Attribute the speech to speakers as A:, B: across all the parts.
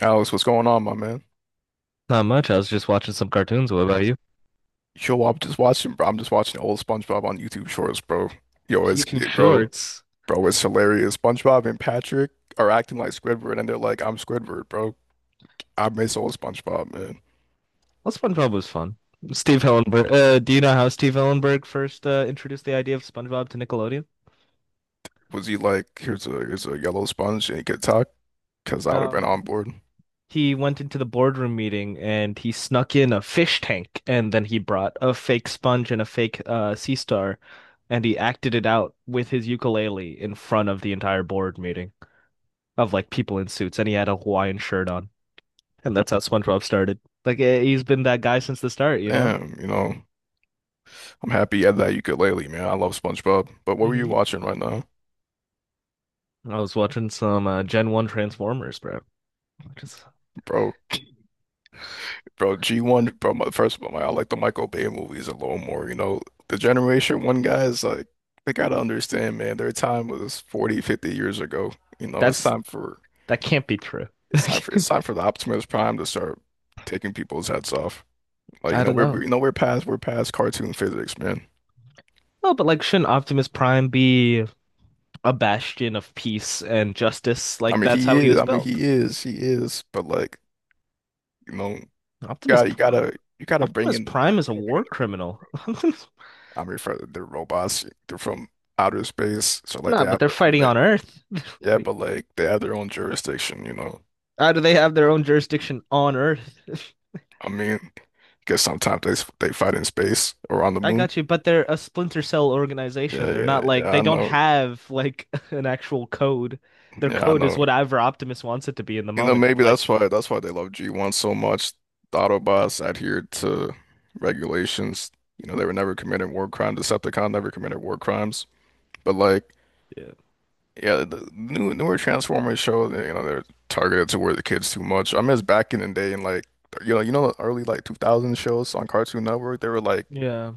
A: Alex, what's going on, my man?
B: Not much. I was just watching some cartoons. What about you?
A: Yo, I'm just watching, bro. I'm just watching old SpongeBob on YouTube Shorts, bro. Yo, it's
B: YouTube
A: bro,
B: Shorts.
A: bro, it's hilarious. SpongeBob and Patrick are acting like Squidward, and they're like, "I'm Squidward, bro." I miss old SpongeBob, man.
B: Well, SpongeBob was fun. Steve Hillenburg. Do you know how Steve Hillenburg first introduced the idea of SpongeBob to Nickelodeon?
A: Was he like, here's a yellow sponge and he could talk? Because I would have been
B: Um,
A: on board.
B: he went into the boardroom meeting and he snuck in a fish tank, and then he brought a fake sponge and a fake sea star, and he acted it out with his ukulele in front of the entire board meeting of like people in suits, and he had a Hawaiian shirt on, and that's how SpongeBob started. Like he's been that guy since the start, you know?
A: Damn, you know, I'm happy at that ukulele, man. I love SpongeBob. But what were you
B: Hmm.
A: watching right now,
B: I was watching some Gen 1 Transformers, bro. I just
A: bro? Bro, G1, bro, first of all, I like the Michael Bay movies a little more, you know. The Generation 1 guys, like, they gotta understand, man, their time was 40, 50 years ago. You know, it's
B: that's
A: time for,
B: that can't be true.
A: it's time for,
B: I
A: it's time for the Optimus Prime to start taking people's heads off. Like, you know,
B: don't know.
A: you know, we're past cartoon physics, man.
B: Oh, but like, shouldn't Optimus Prime be a bastion of peace and justice?
A: I
B: Like,
A: mean,
B: that's
A: he
B: how he
A: is,
B: was built.
A: but like, you know,
B: Optimus
A: gotta, you gotta,
B: Optimus Prime
A: you
B: is a
A: gotta bring in
B: war
A: the revenue.
B: criminal.
A: I mean, for the robots, they're from outer space, so like
B: Nah,
A: they
B: but
A: have
B: they're
A: their own.
B: fighting on Earth.
A: Yeah, but like they have their own jurisdiction, you know.
B: How do they have their own jurisdiction on Earth?
A: I mean, because sometimes they fight in space or on the
B: I
A: moon.
B: got you, but they're a splinter cell organization.
A: Yeah,
B: They're
A: yeah,
B: not like
A: yeah.
B: they
A: I
B: don't
A: know.
B: have like an actual code. Their
A: Yeah, I
B: code is
A: know.
B: whatever Optimus wants it to be in the
A: You know,
B: moment. He
A: maybe
B: like
A: that's why they love G1 so much. The Autobots adhered to regulations. You know, they were never committing war crimes. Decepticon never committed war crimes. But like,
B: yeah.
A: yeah, the newer Transformers show, you know, they're targeted toward the kids too much. I miss back in the day and like, you know, the early like 2000 shows on Cartoon Network. They were like,
B: Yeah.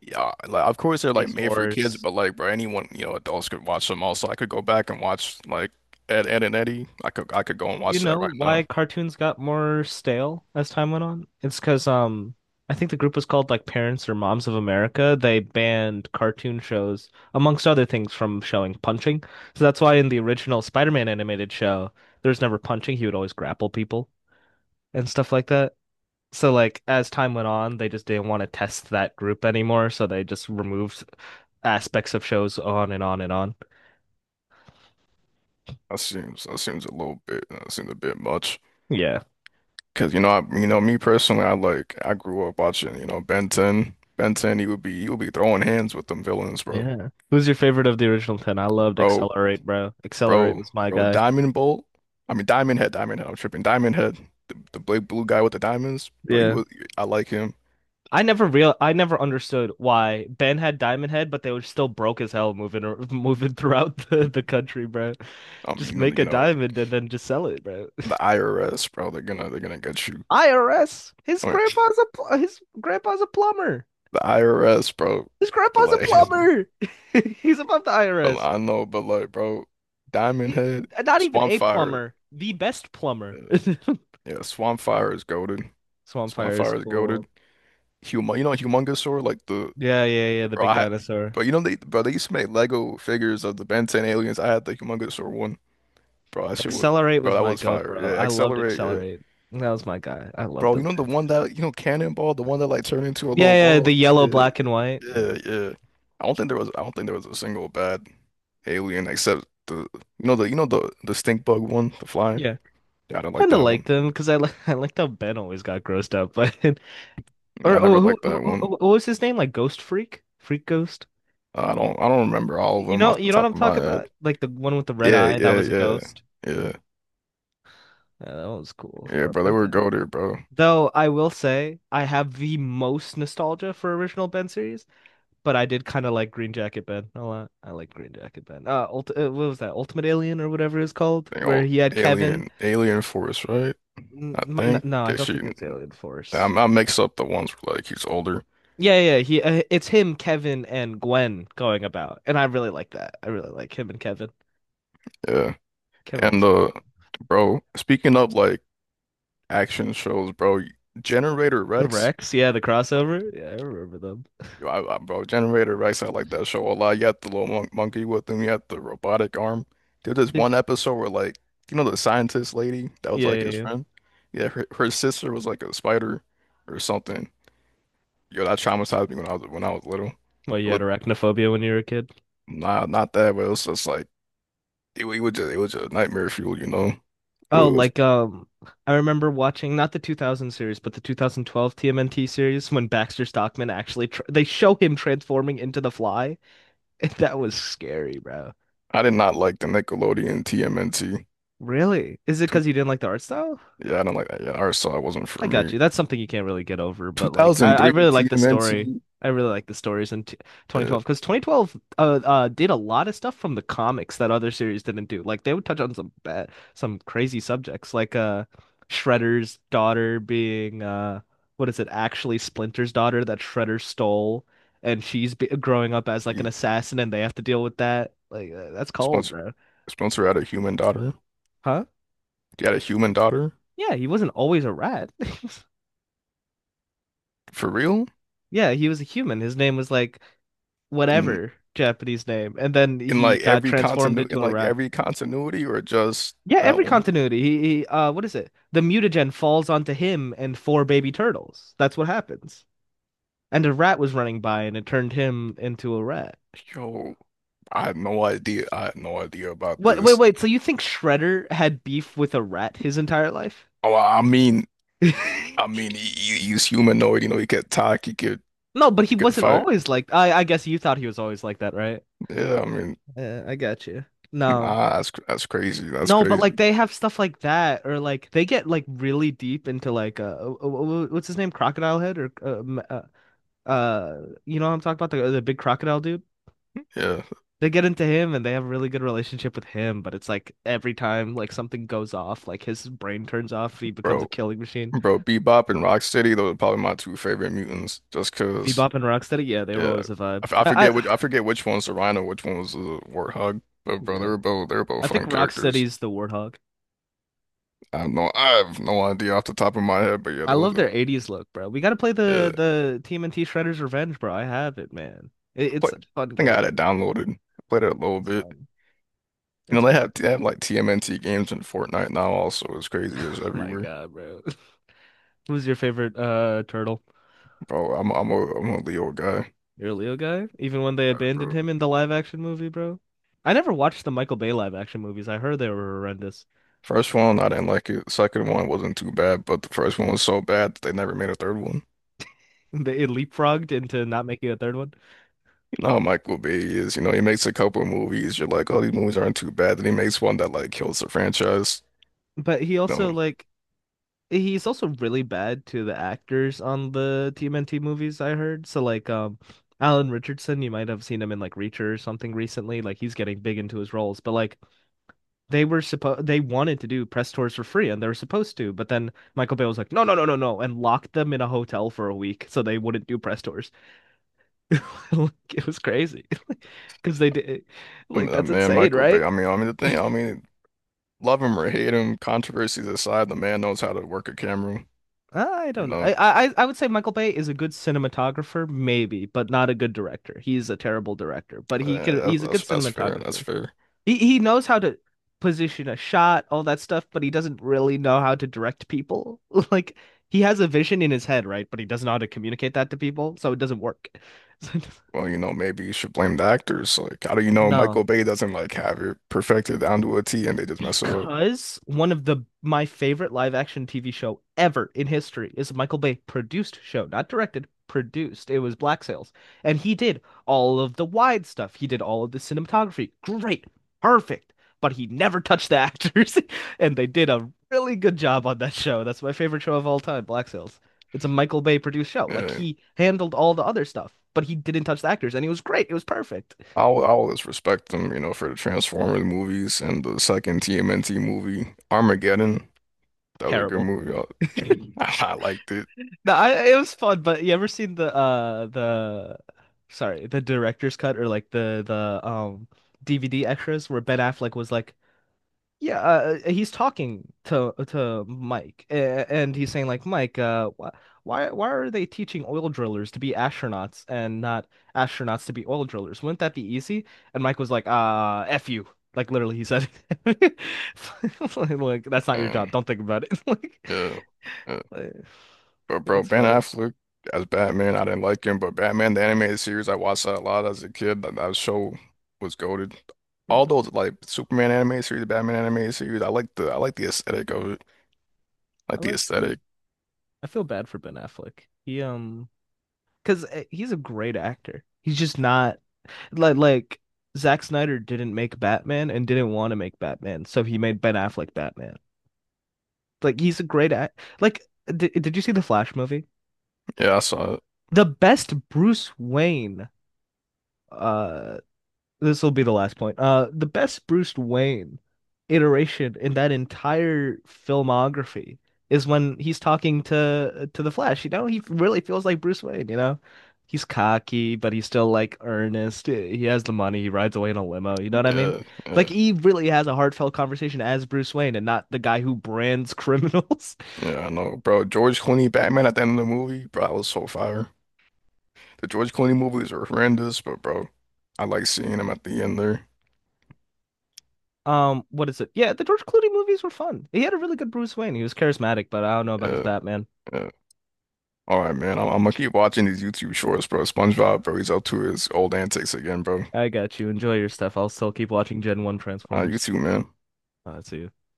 A: yeah, like of course they're like
B: Beast
A: made for kids,
B: Wars.
A: but like, bro, anyone, you know, adults could watch them also. I could go back and watch like Ed, Ed and Eddie. I could go and
B: You
A: watch that
B: know
A: right now.
B: why cartoons got more stale as time went on? It's 'cause I think the group was called like Parents or Moms of America. They banned cartoon shows, amongst other things, from showing punching. So that's why in the original Spider-Man animated show, there was never punching. He would always grapple people and stuff like that. So like as time went on, they just didn't want to test that group anymore, so they just removed aspects of shows on and on and on.
A: That seems a little bit that seems a bit much.
B: Yeah.
A: Cause you know you know me personally, I grew up watching, you know, Ben 10. Ben 10, he would be throwing hands with them villains, bro.
B: Yeah. Who's your favorite of the original 10? I loved
A: Bro,
B: Accelerate, bro. Accelerate
A: bro,
B: was my
A: bro,
B: guy.
A: Diamond Bolt. I mean Diamond Head, Diamond Head, I'm tripping. Diamond Head, the big blue guy with the diamonds, bro, he
B: Yeah.
A: was I like him.
B: I never understood why Ben had Diamond Head, but they were still broke as hell moving throughout the country, bro.
A: I
B: Just
A: mean, you know,
B: make
A: you
B: a
A: know.
B: diamond and then just sell it, bro.
A: The IRS, bro, they're gonna get you.
B: IRS.
A: Like
B: His grandpa's a plumber.
A: the IRS, bro.
B: His
A: But
B: grandpa's a
A: like,
B: plumber. He's above the
A: but like,
B: IRS.
A: I know, but like, bro, Diamond
B: He,
A: Head,
B: Not even
A: Swamp
B: a
A: Fire,
B: plumber, the best
A: uh,
B: plumber.
A: yeah, Swamp Fire is goaded. Swamp
B: Swampfire is
A: Fire is goaded.
B: cool.
A: You know, Humongousaur, like the,
B: Yeah, yeah, yeah. The
A: bro,
B: big dinosaur.
A: bro, you know they, bro, they used to make Lego figures of the Ben 10 aliens. I had the Humongousaur one, bro. That shit was,
B: Accelerate
A: bro,
B: was
A: that
B: my
A: was
B: goat,
A: fire.
B: bro.
A: Yeah,
B: I loved
A: Accelerate, yeah.
B: Accelerate. That was my guy. I loved
A: Bro, you
B: him,
A: know the
B: man.
A: one that, you know, Cannonball, the one that like turned into a little
B: Yeah, yeah.
A: ball.
B: The yellow,
A: Yeah.
B: black, and white. Yeah,
A: Yeah, yeah. I don't think there was I don't think there was a single bad alien except the stink bug one, the fly.
B: yeah.
A: Yeah, I didn't like
B: Kind of
A: that one.
B: liked him because I li I liked how Ben always got grossed up. But
A: Yeah, I
B: or
A: never
B: oh,
A: liked that one.
B: what was his name? Like Ghost Freak, Freak Ghost.
A: I don't remember all of them off the
B: You know what
A: top
B: I'm
A: of my
B: talking about?
A: head.
B: Like the one with the red
A: Yeah,
B: eye that
A: yeah,
B: was a
A: yeah.
B: ghost.
A: Yeah.
B: Yeah, that was cool,
A: Yeah,
B: bro.
A: bro, they
B: Ben
A: were
B: 10.
A: go there, bro.
B: Though I will say I have the most nostalgia for original Ben series, but I did kind of like Green Jacket Ben a lot. I like Green Jacket Ben. Ult What was that? Ultimate Alien or whatever it was called,
A: They
B: where
A: all
B: he had Kevin.
A: Alien Force, right?
B: N-
A: I
B: might
A: think.
B: not- No, I
A: Yeah,
B: don't
A: she
B: think it was Alien
A: I,
B: Force.
A: I mix up the ones where like he's older.
B: Yeah, yeah, he. It's him, Kevin, and Gwen going about, and I really like that. I really like him and Kevin.
A: Yeah.
B: Kevin was
A: And
B: cool.
A: bro, speaking of like action shows, bro, Generator
B: The
A: Rex.
B: Rex, yeah, the crossover. Yeah, I remember them.
A: Yo, bro, Generator Rex, I like that show a lot. You had the little monkey with him, you had the robotic arm. There's this
B: Did
A: one
B: you?
A: episode where, like, you know, the scientist lady that was
B: Yeah,
A: like
B: yeah,
A: his
B: yeah.
A: friend. Yeah, her sister was like a spider or something. Yo, that traumatized me when I was little.
B: Well, you had
A: Look,
B: arachnophobia when you were a kid.
A: nah, not that, but it was just like, it was just nightmare fuel, you know. It
B: Oh,
A: was
B: like I remember watching not the 2000 series, but the 2012 TMNT series when Baxter Stockman actually tr they show him transforming into the Fly, that was scary, bro.
A: I did not like the Nickelodeon TMNT.
B: Really? Is it
A: Two,
B: because you didn't like the art style?
A: yeah, I don't like that. Yeah, I saw it wasn't for
B: I got
A: me.
B: you. That's something you can't really get over, but like I
A: 2003
B: really like the story.
A: TMNT.
B: I really like the stories in t
A: Yeah,
B: 2012 because 2012 did a lot of stuff from the comics that other series didn't do. Like they would touch on some bad, some crazy subjects, like Shredder's daughter being what is it, actually Splinter's daughter that Shredder stole, and she's be growing up as like an
A: he-
B: assassin, and they have to deal with that. Like that's cold, bro.
A: Spencer had a human daughter.
B: Huh?
A: He had a human daughter
B: Yeah, he wasn't always a rat.
A: for real,
B: Yeah, he was a human. His name was like
A: in
B: whatever Japanese name, and then he got transformed into
A: in
B: a
A: like
B: rat.
A: every continuity or just
B: Yeah,
A: that
B: every
A: one.
B: continuity. He What is it? The mutagen falls onto him and four baby turtles. That's what happens. And a rat was running by, and it turned him into a rat.
A: Yo, I had no idea. I had no idea about
B: Wait, wait,
A: this.
B: wait. So you think Shredder had beef with a rat his entire life?
A: Oh, I mean, he's humanoid. You know, he could talk. He could
B: No, but
A: he
B: he
A: could
B: wasn't
A: fight.
B: always like. I guess you thought he was always like that, right?
A: Yeah, I mean,
B: Yeah, I got you. No.
A: that's crazy. That's
B: No, but like
A: crazy.
B: they have stuff like that, or like they get like really deep into like what's his name, Crocodile Head, or you know what I'm talking about, the big crocodile dude.
A: Yeah,
B: They get into him and they have a really good relationship with him, but it's like every time like something goes off, like his brain turns off, he becomes
A: bro,
B: a killing machine.
A: bro, Bebop and Rocksteady. Those are probably my two favorite mutants. Just cause.
B: Bebop and Rocksteady, yeah, they were
A: Yeah,
B: always a vibe.
A: I forget which
B: I
A: I forget which one's the rhino, which one was the warthog. But bro,
B: yeah,
A: they're both
B: I think
A: fun characters.
B: Rocksteady's the Warthog.
A: I have no idea off the top of my head, but yeah,
B: I love their 80s look, bro. We got to play
A: yeah.
B: the TMNT Shredder's Revenge, bro. I have it, man. It's
A: I
B: such a fun
A: think I
B: game.
A: had it downloaded. I played it a little
B: It's
A: bit.
B: fun.
A: You
B: It's
A: know they
B: fun.
A: have they have like TMNT games in Fortnite now. Also, it's crazy. It's
B: My
A: everywhere,
B: God, bro. Who's your favorite turtle?
A: bro. I'm a Leo guy.
B: You're a Leo guy? Even when they
A: Got it,
B: abandoned
A: bro.
B: him in the live action movie, bro? I never watched the Michael Bay live action movies. I heard they were horrendous.
A: First one, I didn't like it. Second one wasn't too bad, but the first one was so bad that they never made a third one.
B: They it leapfrogged into not making a third one.
A: No, Michael Bay is, you know, he makes a couple of movies. You're like, oh, these movies aren't too bad. Then he makes one that like kills the franchise.
B: But he
A: No,
B: also like he's also really bad to the actors on the TMNT movies, I heard. So like Alan Richardson, you might have seen him in like Reacher or something recently. Like he's getting big into his roles. But like they were supposed they wanted to do press tours for free and they were supposed to, but then Michael Bay was like, no, no, no, no, no, and locked them in a hotel for a week so they wouldn't do press tours. It was crazy because they did
A: I
B: like
A: mean,
B: that's
A: man,
B: insane,
A: Michael Bay.
B: right?
A: I mean, the thing. I mean, love him or hate him, controversies aside, the man knows how to work a camera.
B: I
A: You
B: don't know.
A: know,
B: I would say Michael Bay is a good cinematographer, maybe, but not a good director. He's a terrible director, but
A: That's
B: he's a good
A: that's that's fair. That's
B: cinematographer.
A: fair.
B: He knows how to position a shot, all that stuff, but he doesn't really know how to direct people. Like he has a vision in his head, right? But he doesn't know how to communicate that to people, so it doesn't work. So
A: Well, you know, maybe you should blame the actors. Like, how do you know
B: no.
A: Michael Bay doesn't like have it perfected down to a T, and they just mess it up?
B: Because one of the my favorite live action TV show ever in history is a Michael Bay produced show, not directed, produced. It was Black Sails, and he did all of the wide stuff. He did all of the cinematography. Great, perfect. But he never touched the actors, and they did a really good job on that show. That's my favorite show of all time, Black Sails. It's a Michael Bay produced show. Like
A: Yeah,
B: he handled all the other stuff, but he didn't touch the actors, and it was great. It was perfect.
A: I always respect them, you know, for the Transformers movies and the second TMNT movie, Armageddon. That was a good
B: Terrible.
A: movie. I, I liked it.
B: No, I, It was fun, but you ever seen the sorry, the director's cut or like the DVD extras where Ben Affleck was like, yeah, he's talking to Mike, and he's saying like, Mike, wh why are they teaching oil drillers to be astronauts and not astronauts to be oil drillers? Wouldn't that be easy? And Mike was like, F you. Like literally he said it. Like, that's not your
A: And
B: job. Don't think about it.
A: yeah, yeah.
B: Like,
A: But bro,
B: it's
A: Ben
B: funny.
A: Affleck as Batman, I didn't like him. But Batman, the animated series, I watched that a lot as a kid. That show was goated. All those like Superman animated series, Batman animated series, I like the aesthetic of it. Like
B: I
A: the
B: like
A: aesthetic.
B: I feel bad for Ben Affleck. He um cuz he's a great actor. He's just not like like Zack Snyder didn't make Batman and didn't want to make Batman, so he made Ben Affleck Batman. Like he's a great act. Like did you see the Flash movie?
A: Yeah, I saw it.
B: The best Bruce Wayne uh this will be the last point. The best Bruce Wayne iteration in that entire filmography is when he's talking to the Flash. You know, he really feels like Bruce Wayne. You know, he's cocky, but he's still like earnest. He has the money. He rides away in a limo. You know what I mean?
A: Yeah,
B: Like
A: yeah,
B: he really has a heartfelt conversation as Bruce Wayne, and not the guy who brands criminals.
A: yeah. I know, bro. George Clooney Batman at the end of the movie, bro, that was so fire. The George Clooney movies are horrendous, but bro, I like seeing him at the end there.
B: What is it? Yeah, the George Clooney movies were fun. He had a really good Bruce Wayne. He was charismatic, but I don't know about his
A: Yeah,
B: Batman.
A: yeah. All right, man. I'm gonna keep watching these YouTube shorts, bro. SpongeBob, bro. He's up to his old antics again, bro.
B: I got you. Enjoy your stuff. I'll still keep watching Gen 1
A: You
B: Transformers.
A: too, man.
B: See you.